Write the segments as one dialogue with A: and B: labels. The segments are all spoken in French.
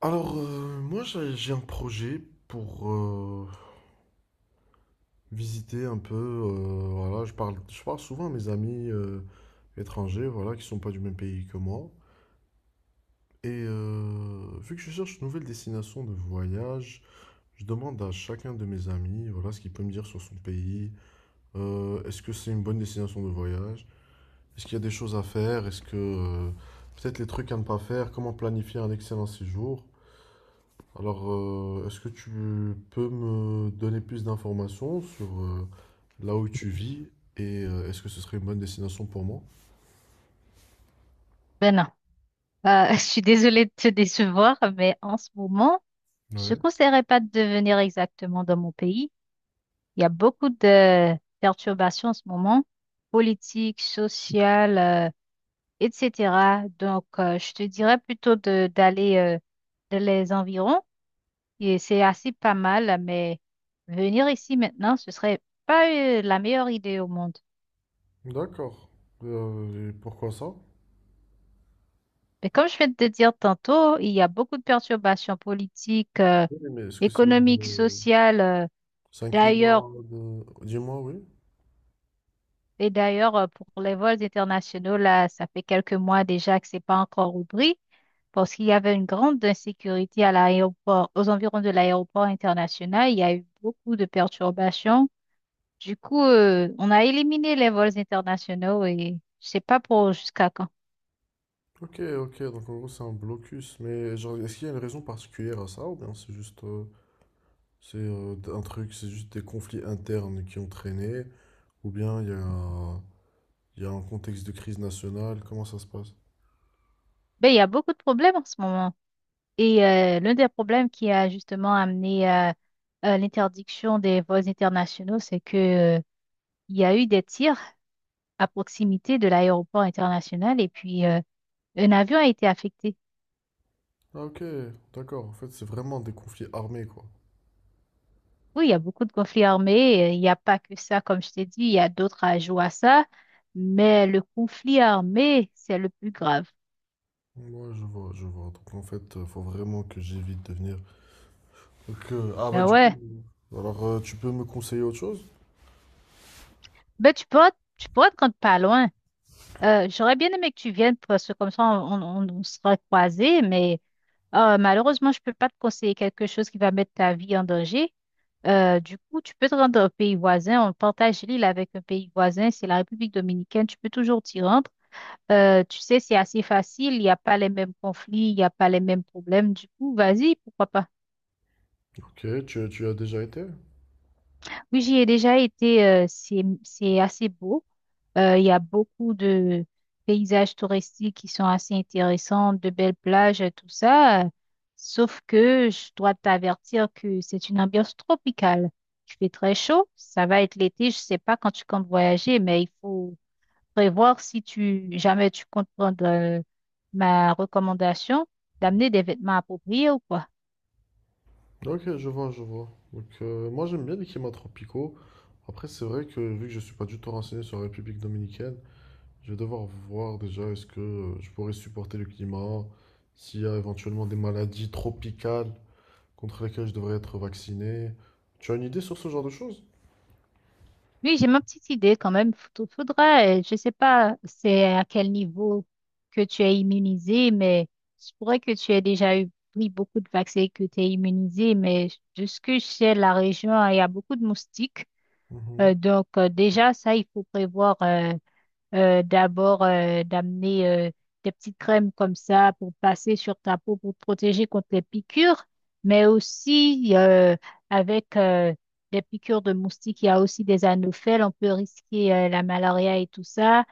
A: Alors, moi, j'ai un projet pour visiter un peu. Voilà, je parle souvent à mes amis, étrangers, voilà, qui sont pas du même pays que moi. Et vu que je cherche une nouvelle destination de voyage, je demande à chacun de mes amis, voilà, ce qu'il peut me dire sur son pays. Est-ce que c'est une bonne destination de voyage? Est-ce qu'il y a des choses à faire? Est-ce que peut-être les trucs à ne pas faire? Comment planifier un excellent séjour? Alors, est-ce que tu peux me donner plus d'informations sur là où tu vis, et est-ce que ce serait une bonne destination pour moi?
B: Ben non. Je suis désolée de te décevoir, mais en ce moment, je ne
A: Ouais.
B: conseillerais pas de venir exactement dans mon pays. Il y a beaucoup de perturbations en ce moment, politiques, sociales, etc. Donc, je te dirais plutôt de d'aller dans les environs. Et c'est assez pas mal, mais venir ici maintenant, ce serait pas la meilleure idée au monde.
A: D'accord. Et pourquoi ça?
B: Mais comme je viens de te dire tantôt, il y a beaucoup de perturbations politiques,
A: Oui, mais est-ce que c'est
B: économique,
A: une-
B: sociale.
A: c'est un
B: D'ailleurs,
A: climat de... Dis-moi, oui.
B: et d'ailleurs, pour les vols internationaux, là, ça fait quelques mois déjà que c'est pas encore ouvert parce qu'il y avait une grande insécurité à l'aéroport, aux environs de l'aéroport international. Il y a eu beaucoup de perturbations. Du coup, on a éliminé les vols internationaux et je sais pas pour jusqu'à quand.
A: Ok, ok, donc en gros c'est un blocus, mais genre, est-ce qu'il y a une raison particulière à ça ou bien c'est juste, c'est, un truc, c'est juste des conflits internes qui ont traîné, ou bien il y a un contexte de crise nationale, comment ça se passe?
B: Mais il y a beaucoup de problèmes en ce moment. Et l'un des problèmes qui a justement amené à l'interdiction des vols internationaux, c'est que il y a eu des tirs à proximité de l'aéroport international et puis un avion a été affecté.
A: Ah, ok, d'accord. En fait, c'est vraiment des conflits armés, quoi.
B: Oui, il y a beaucoup de conflits armés. Il n'y a pas que ça, comme je t'ai dit, il y a d'autres ajouts à ça. Mais le conflit armé, c'est le plus grave.
A: Ouais, je vois, je vois. Donc, en fait, faut vraiment que j'évite de venir. Donc, ah, bah,
B: Ben
A: du
B: ouais,
A: coup. Alors, tu peux me conseiller autre chose?
B: ben tu pourras te rendre pas loin. J'aurais bien aimé que tu viennes parce que comme ça, on sera croisés, mais malheureusement, je peux pas te conseiller quelque chose qui va mettre ta vie en danger. Du coup, tu peux te rendre au pays voisin. On partage l'île avec un pays voisin. C'est la République dominicaine. Tu peux toujours t'y rendre. Tu sais, c'est assez facile. Il n'y a pas les mêmes conflits. Il n'y a pas les mêmes problèmes. Du coup, vas-y, pourquoi pas.
A: Ok, tu as déjà été?
B: Oui, j'y ai déjà été. C'est assez beau. Il y a beaucoup de paysages touristiques qui sont assez intéressants, de belles plages, et tout ça. Sauf que je dois t'avertir que c'est une ambiance tropicale. Il fait très chaud, ça va être l'été, je sais pas quand tu comptes voyager, mais il faut prévoir si tu jamais tu comptes prendre ma recommandation d'amener des vêtements appropriés ou quoi.
A: Ok, je vois, je vois. Donc, moi, j'aime bien les climats tropicaux. Après, c'est vrai que, vu que je suis pas du tout renseigné sur la République dominicaine, je vais devoir voir déjà est-ce que je pourrais supporter le climat, s'il y a éventuellement des maladies tropicales contre lesquelles je devrais être vacciné. Tu as une idée sur ce genre de choses?
B: Oui, j'ai ma petite idée quand même. Faudrait, je sais pas c'est à quel niveau que tu es immunisé, mais je pourrais que tu aies déjà eu pris beaucoup de vaccins et que tu es immunisé, mais de ce que je sais, la région, il y a beaucoup de moustiques.
A: Mhm,
B: Déjà, ça, il faut prévoir d'abord d'amener des petites crèmes comme ça pour passer sur ta peau pour te protéger contre les piqûres, mais aussi avec des piqûres de moustiques, il y a aussi des anophèles, on peut risquer la malaria et tout ça.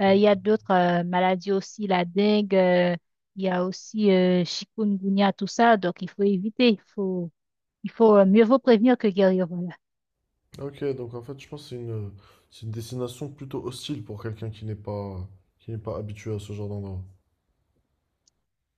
B: Il
A: mhm.
B: y a d'autres maladies aussi, la dengue, il y a aussi chikungunya, tout ça, donc il faut éviter, il faut mieux vaut prévenir que guérir, voilà.
A: Ok, donc en fait, je pense que c'est une destination plutôt hostile pour quelqu'un qui n'est pas habitué à ce genre d'endroit.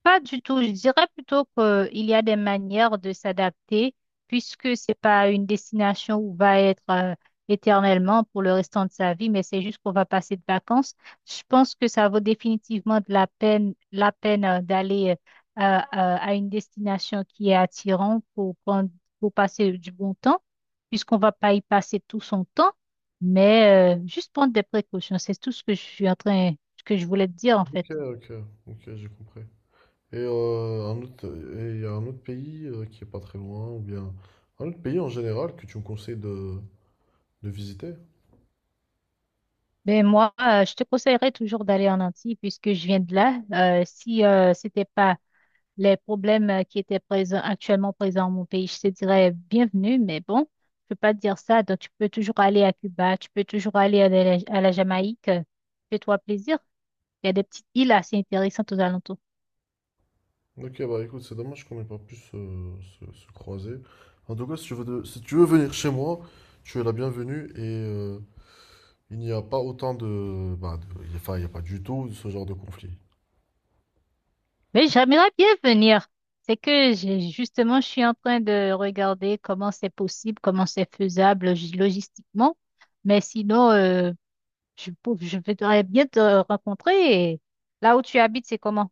B: Pas du tout. Je dirais plutôt qu'il y a des manières de s'adapter, puisque c'est pas une destination où on va être éternellement pour le restant de sa vie, mais c'est juste qu'on va passer de vacances. Je pense que ça vaut définitivement de la peine, d'aller à une destination qui est attirante pour prendre, pour passer du bon temps, puisqu'on va pas y passer tout son temps, mais juste prendre des précautions. C'est tout ce que je suis en train, ce que je voulais te dire en fait.
A: Ok, ok, ok, j'ai compris. Et et il y a un autre pays, qui est pas très loin, ou bien un autre pays en général que tu me conseilles de visiter.
B: Ben moi, je te conseillerais toujours d'aller en Antilles puisque je viens de là. Si c'était pas les problèmes qui étaient présents dans mon pays, je te dirais bienvenue, mais bon, je peux pas te dire ça. Donc tu peux toujours aller à Cuba, tu peux toujours aller à la Jamaïque. Fais-toi plaisir. Il y a des petites îles assez intéressantes aux alentours.
A: Ok, bah écoute, c'est dommage qu'on n'ait pas pu se croiser. En tout cas, si tu veux venir chez moi, tu es la bienvenue, et il n'y a pas autant de, bah, de- enfin, il n'y a pas du tout ce genre de conflit.
B: Mais j'aimerais bien venir. C'est que j'ai justement, je suis en train de regarder comment c'est possible, comment c'est faisable logistiquement. Mais sinon, je voudrais bien te rencontrer. Et là où tu habites, c'est comment?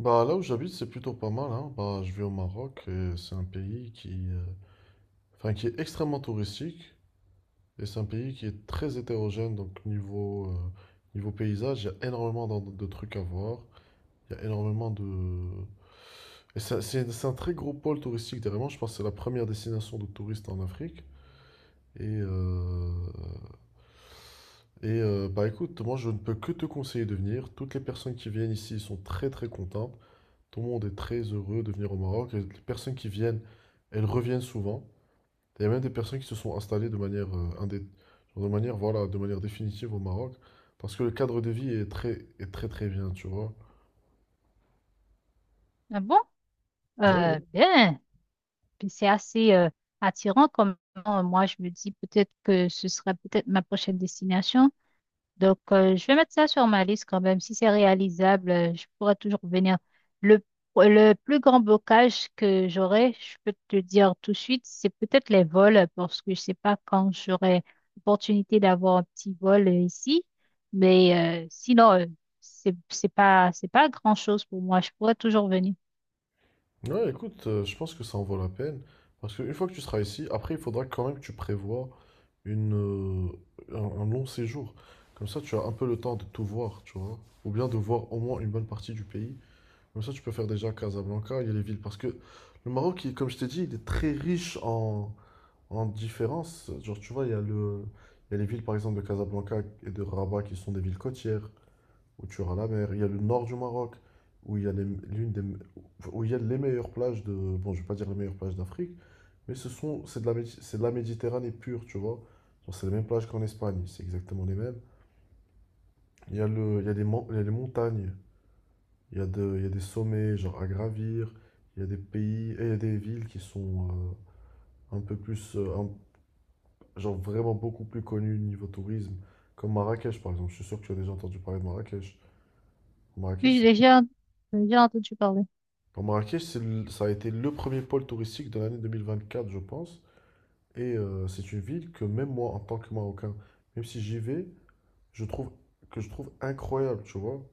A: Bah là où j'habite, c'est plutôt pas mal, hein. Bah, je vis au Maroc et c'est un pays enfin, qui est extrêmement touristique, et c'est un pays qui est très hétérogène. Donc niveau paysage, il y a énormément trucs à voir. Il y a énormément de... Et c'est un très gros pôle touristique derrière. Je pense que c'est la première destination de touristes en Afrique. Et, euh, Bah écoute, moi je ne peux que te conseiller de venir. Toutes les personnes qui viennent ici sont très très contentes. Tout le monde est très heureux de venir au Maroc. Et les personnes qui viennent, elles reviennent souvent. Il y a même des personnes qui se sont installées genre de manière, voilà, de manière définitive au Maroc. Parce que le cadre de vie est très, très bien, tu vois.
B: Ah bon?
A: Ouais, ouais.
B: Bien. Puis c'est assez attirant comme moi je me dis peut-être que ce serait peut-être ma prochaine destination. Donc, je vais mettre ça sur ma liste quand même. Si c'est réalisable, je pourrais toujours venir. Le, le plus grand blocage que j'aurai, je peux te dire tout de suite, c'est peut-être les vols, parce que je sais pas quand j'aurai l'opportunité d'avoir un petit vol ici. Mais sinon, c'est pas grand-chose pour moi. Je pourrais toujours venir.
A: Ouais, écoute, je pense que ça en vaut la peine. Parce qu'une fois que tu seras ici, après, il faudra quand même que tu prévois un long séjour. Comme ça, tu as un peu le temps de tout voir, tu vois. Ou bien de voir au moins une bonne partie du pays. Comme ça, tu peux faire déjà Casablanca, il y a les villes. Parce que le Maroc, comme je t'ai dit, il est très riche en différences. Genre, tu vois, il y a les villes, par exemple, de Casablanca et de Rabat, qui sont des villes côtières, où tu auras la mer. Il y a le nord du Maroc, où il y a les- l'une des, me- où il y a les meilleures plages de... Bon, je vais pas dire les meilleures plages d'Afrique, mais ce sont, c'est de la, Médi- c'est de la Méditerranée pure, tu vois. Genre, c'est les mêmes plages qu'en Espagne, c'est exactement les mêmes. Il y a les, mon- il y a les montagnes. Il y a des sommets genre à gravir, il y a des pays, et il y a des villes qui sont un peu plus, un- genre vraiment beaucoup plus connues niveau tourisme, comme Marrakech par exemple. Je suis sûr que tu as déjà entendu parler de Marrakech. Marrakech,
B: Oui,
A: c'est-
B: j'ai déjà entendu parler.
A: enfin, Marrakech, ça a été le premier pôle touristique de l'année 2024 je pense. Et c'est une ville que même moi, en tant que Marocain, même si j'y vais, je trouve je trouve incroyable, tu vois.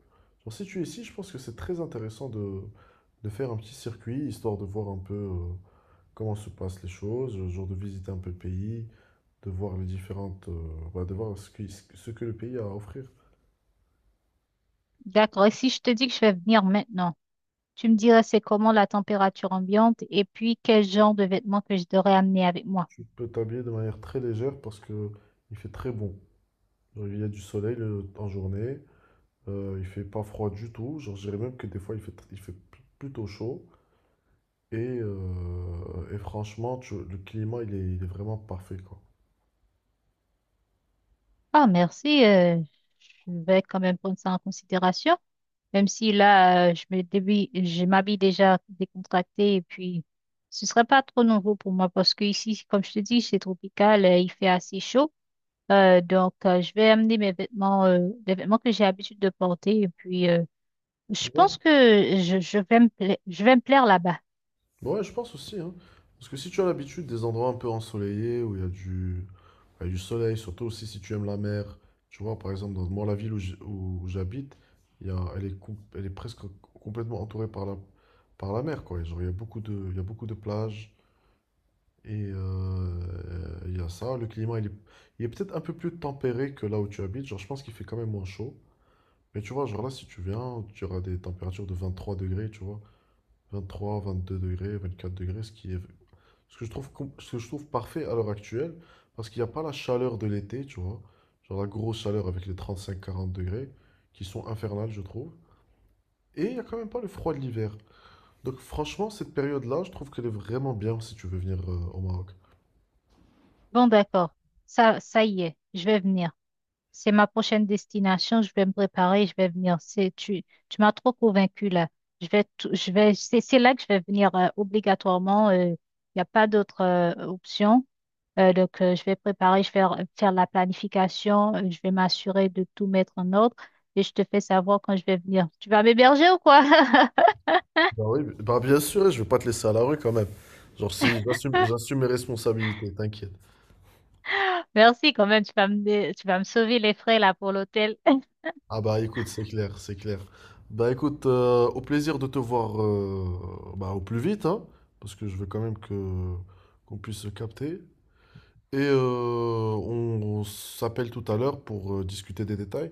A: Genre, si tu es ici, je pense que c'est très intéressant de faire un petit circuit, histoire de voir un peu, comment se passent les choses, le genre de visiter un peu le pays, de voir les différentes, bah, de voir ce que le pays a à offrir.
B: D'accord. Et si je te dis que je vais venir maintenant? Tu me dirais c'est comment la température ambiante et puis quel genre de vêtements que je devrais amener avec moi.
A: Tu peux t'habiller de manière très légère parce que il fait très bon. Genre, il y a du soleil en journée. Il fait pas froid du tout. Genre, je dirais même que des fois il fait, tr- il fait pl- plutôt chaud. Franchement, le climat il est vraiment parfait quoi.
B: Ah, merci. Je vais quand même prendre ça en considération. Même si là, je m'habille déjà décontractée et puis ce serait pas trop nouveau pour moi parce que ici, comme je te dis, c'est tropical, il fait assez chaud. Je vais amener mes vêtements, les vêtements que j'ai l'habitude de porter et puis je pense
A: Ouais,
B: que je vais me plaire là-bas.
A: ouais, je pense aussi, hein. Parce que si tu as l'habitude des endroits un peu ensoleillés où il y a du soleil, surtout aussi si tu aimes la mer, tu vois, par exemple, dans moi, la ville où j'habite, il y a, elle est, com- elle est presque complètement entourée par par la mer, quoi. Et genre, il y a beaucoup de plages, et il y a ça. Le climat, il est peut-être un peu plus tempéré que là où tu habites. Genre, je pense qu'il fait quand même moins chaud. Mais tu vois, genre là, si tu viens, tu auras des températures de 23 degrés, tu vois. 23, 22 degrés, 24 degrés, ce que je trouve parfait à l'heure actuelle, parce qu'il n'y a pas la chaleur de l'été, tu vois, genre la grosse chaleur avec les 35 40 degrés, qui sont infernales, je trouve. Et il n'y a quand même pas le froid de l'hiver. Donc franchement, cette période-là, je trouve qu'elle est vraiment bien si tu veux venir au Maroc.
B: Bon, d'accord. Ça y est, je vais venir. C'est ma prochaine destination. Je vais me préparer, je vais venir. Tu m'as trop convaincu là. Je vais tout- je vais, c'est là que je vais venir obligatoirement. Il n'y a pas d'autre option. Je vais préparer, faire la planification. Je vais m'assurer de tout mettre en ordre. Et je te fais savoir quand je vais venir. Tu vas m'héberger ou quoi?
A: Bah oui, bah bien sûr, je vais pas te laisser à la rue quand même. Genre si j'assume mes responsabilités, t'inquiète.
B: Merci quand même. Tu vas me sauver les frais là pour l'hôtel.
A: Ah bah écoute, c'est clair, c'est clair. Bah écoute, au plaisir de te voir, bah, au plus vite, hein, parce que je veux quand même que qu'on puisse se capter. Et on s'appelle tout à l'heure pour discuter des détails.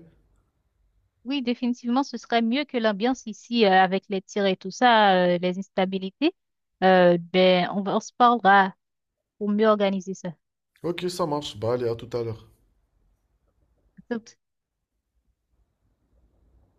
B: Oui, définitivement, ce serait mieux que l'ambiance ici avec les tirs et tout ça, les instabilités. Ben, on se parlera pour mieux organiser ça.
A: Ok, ça marche. Bah allez, à tout à l'heure.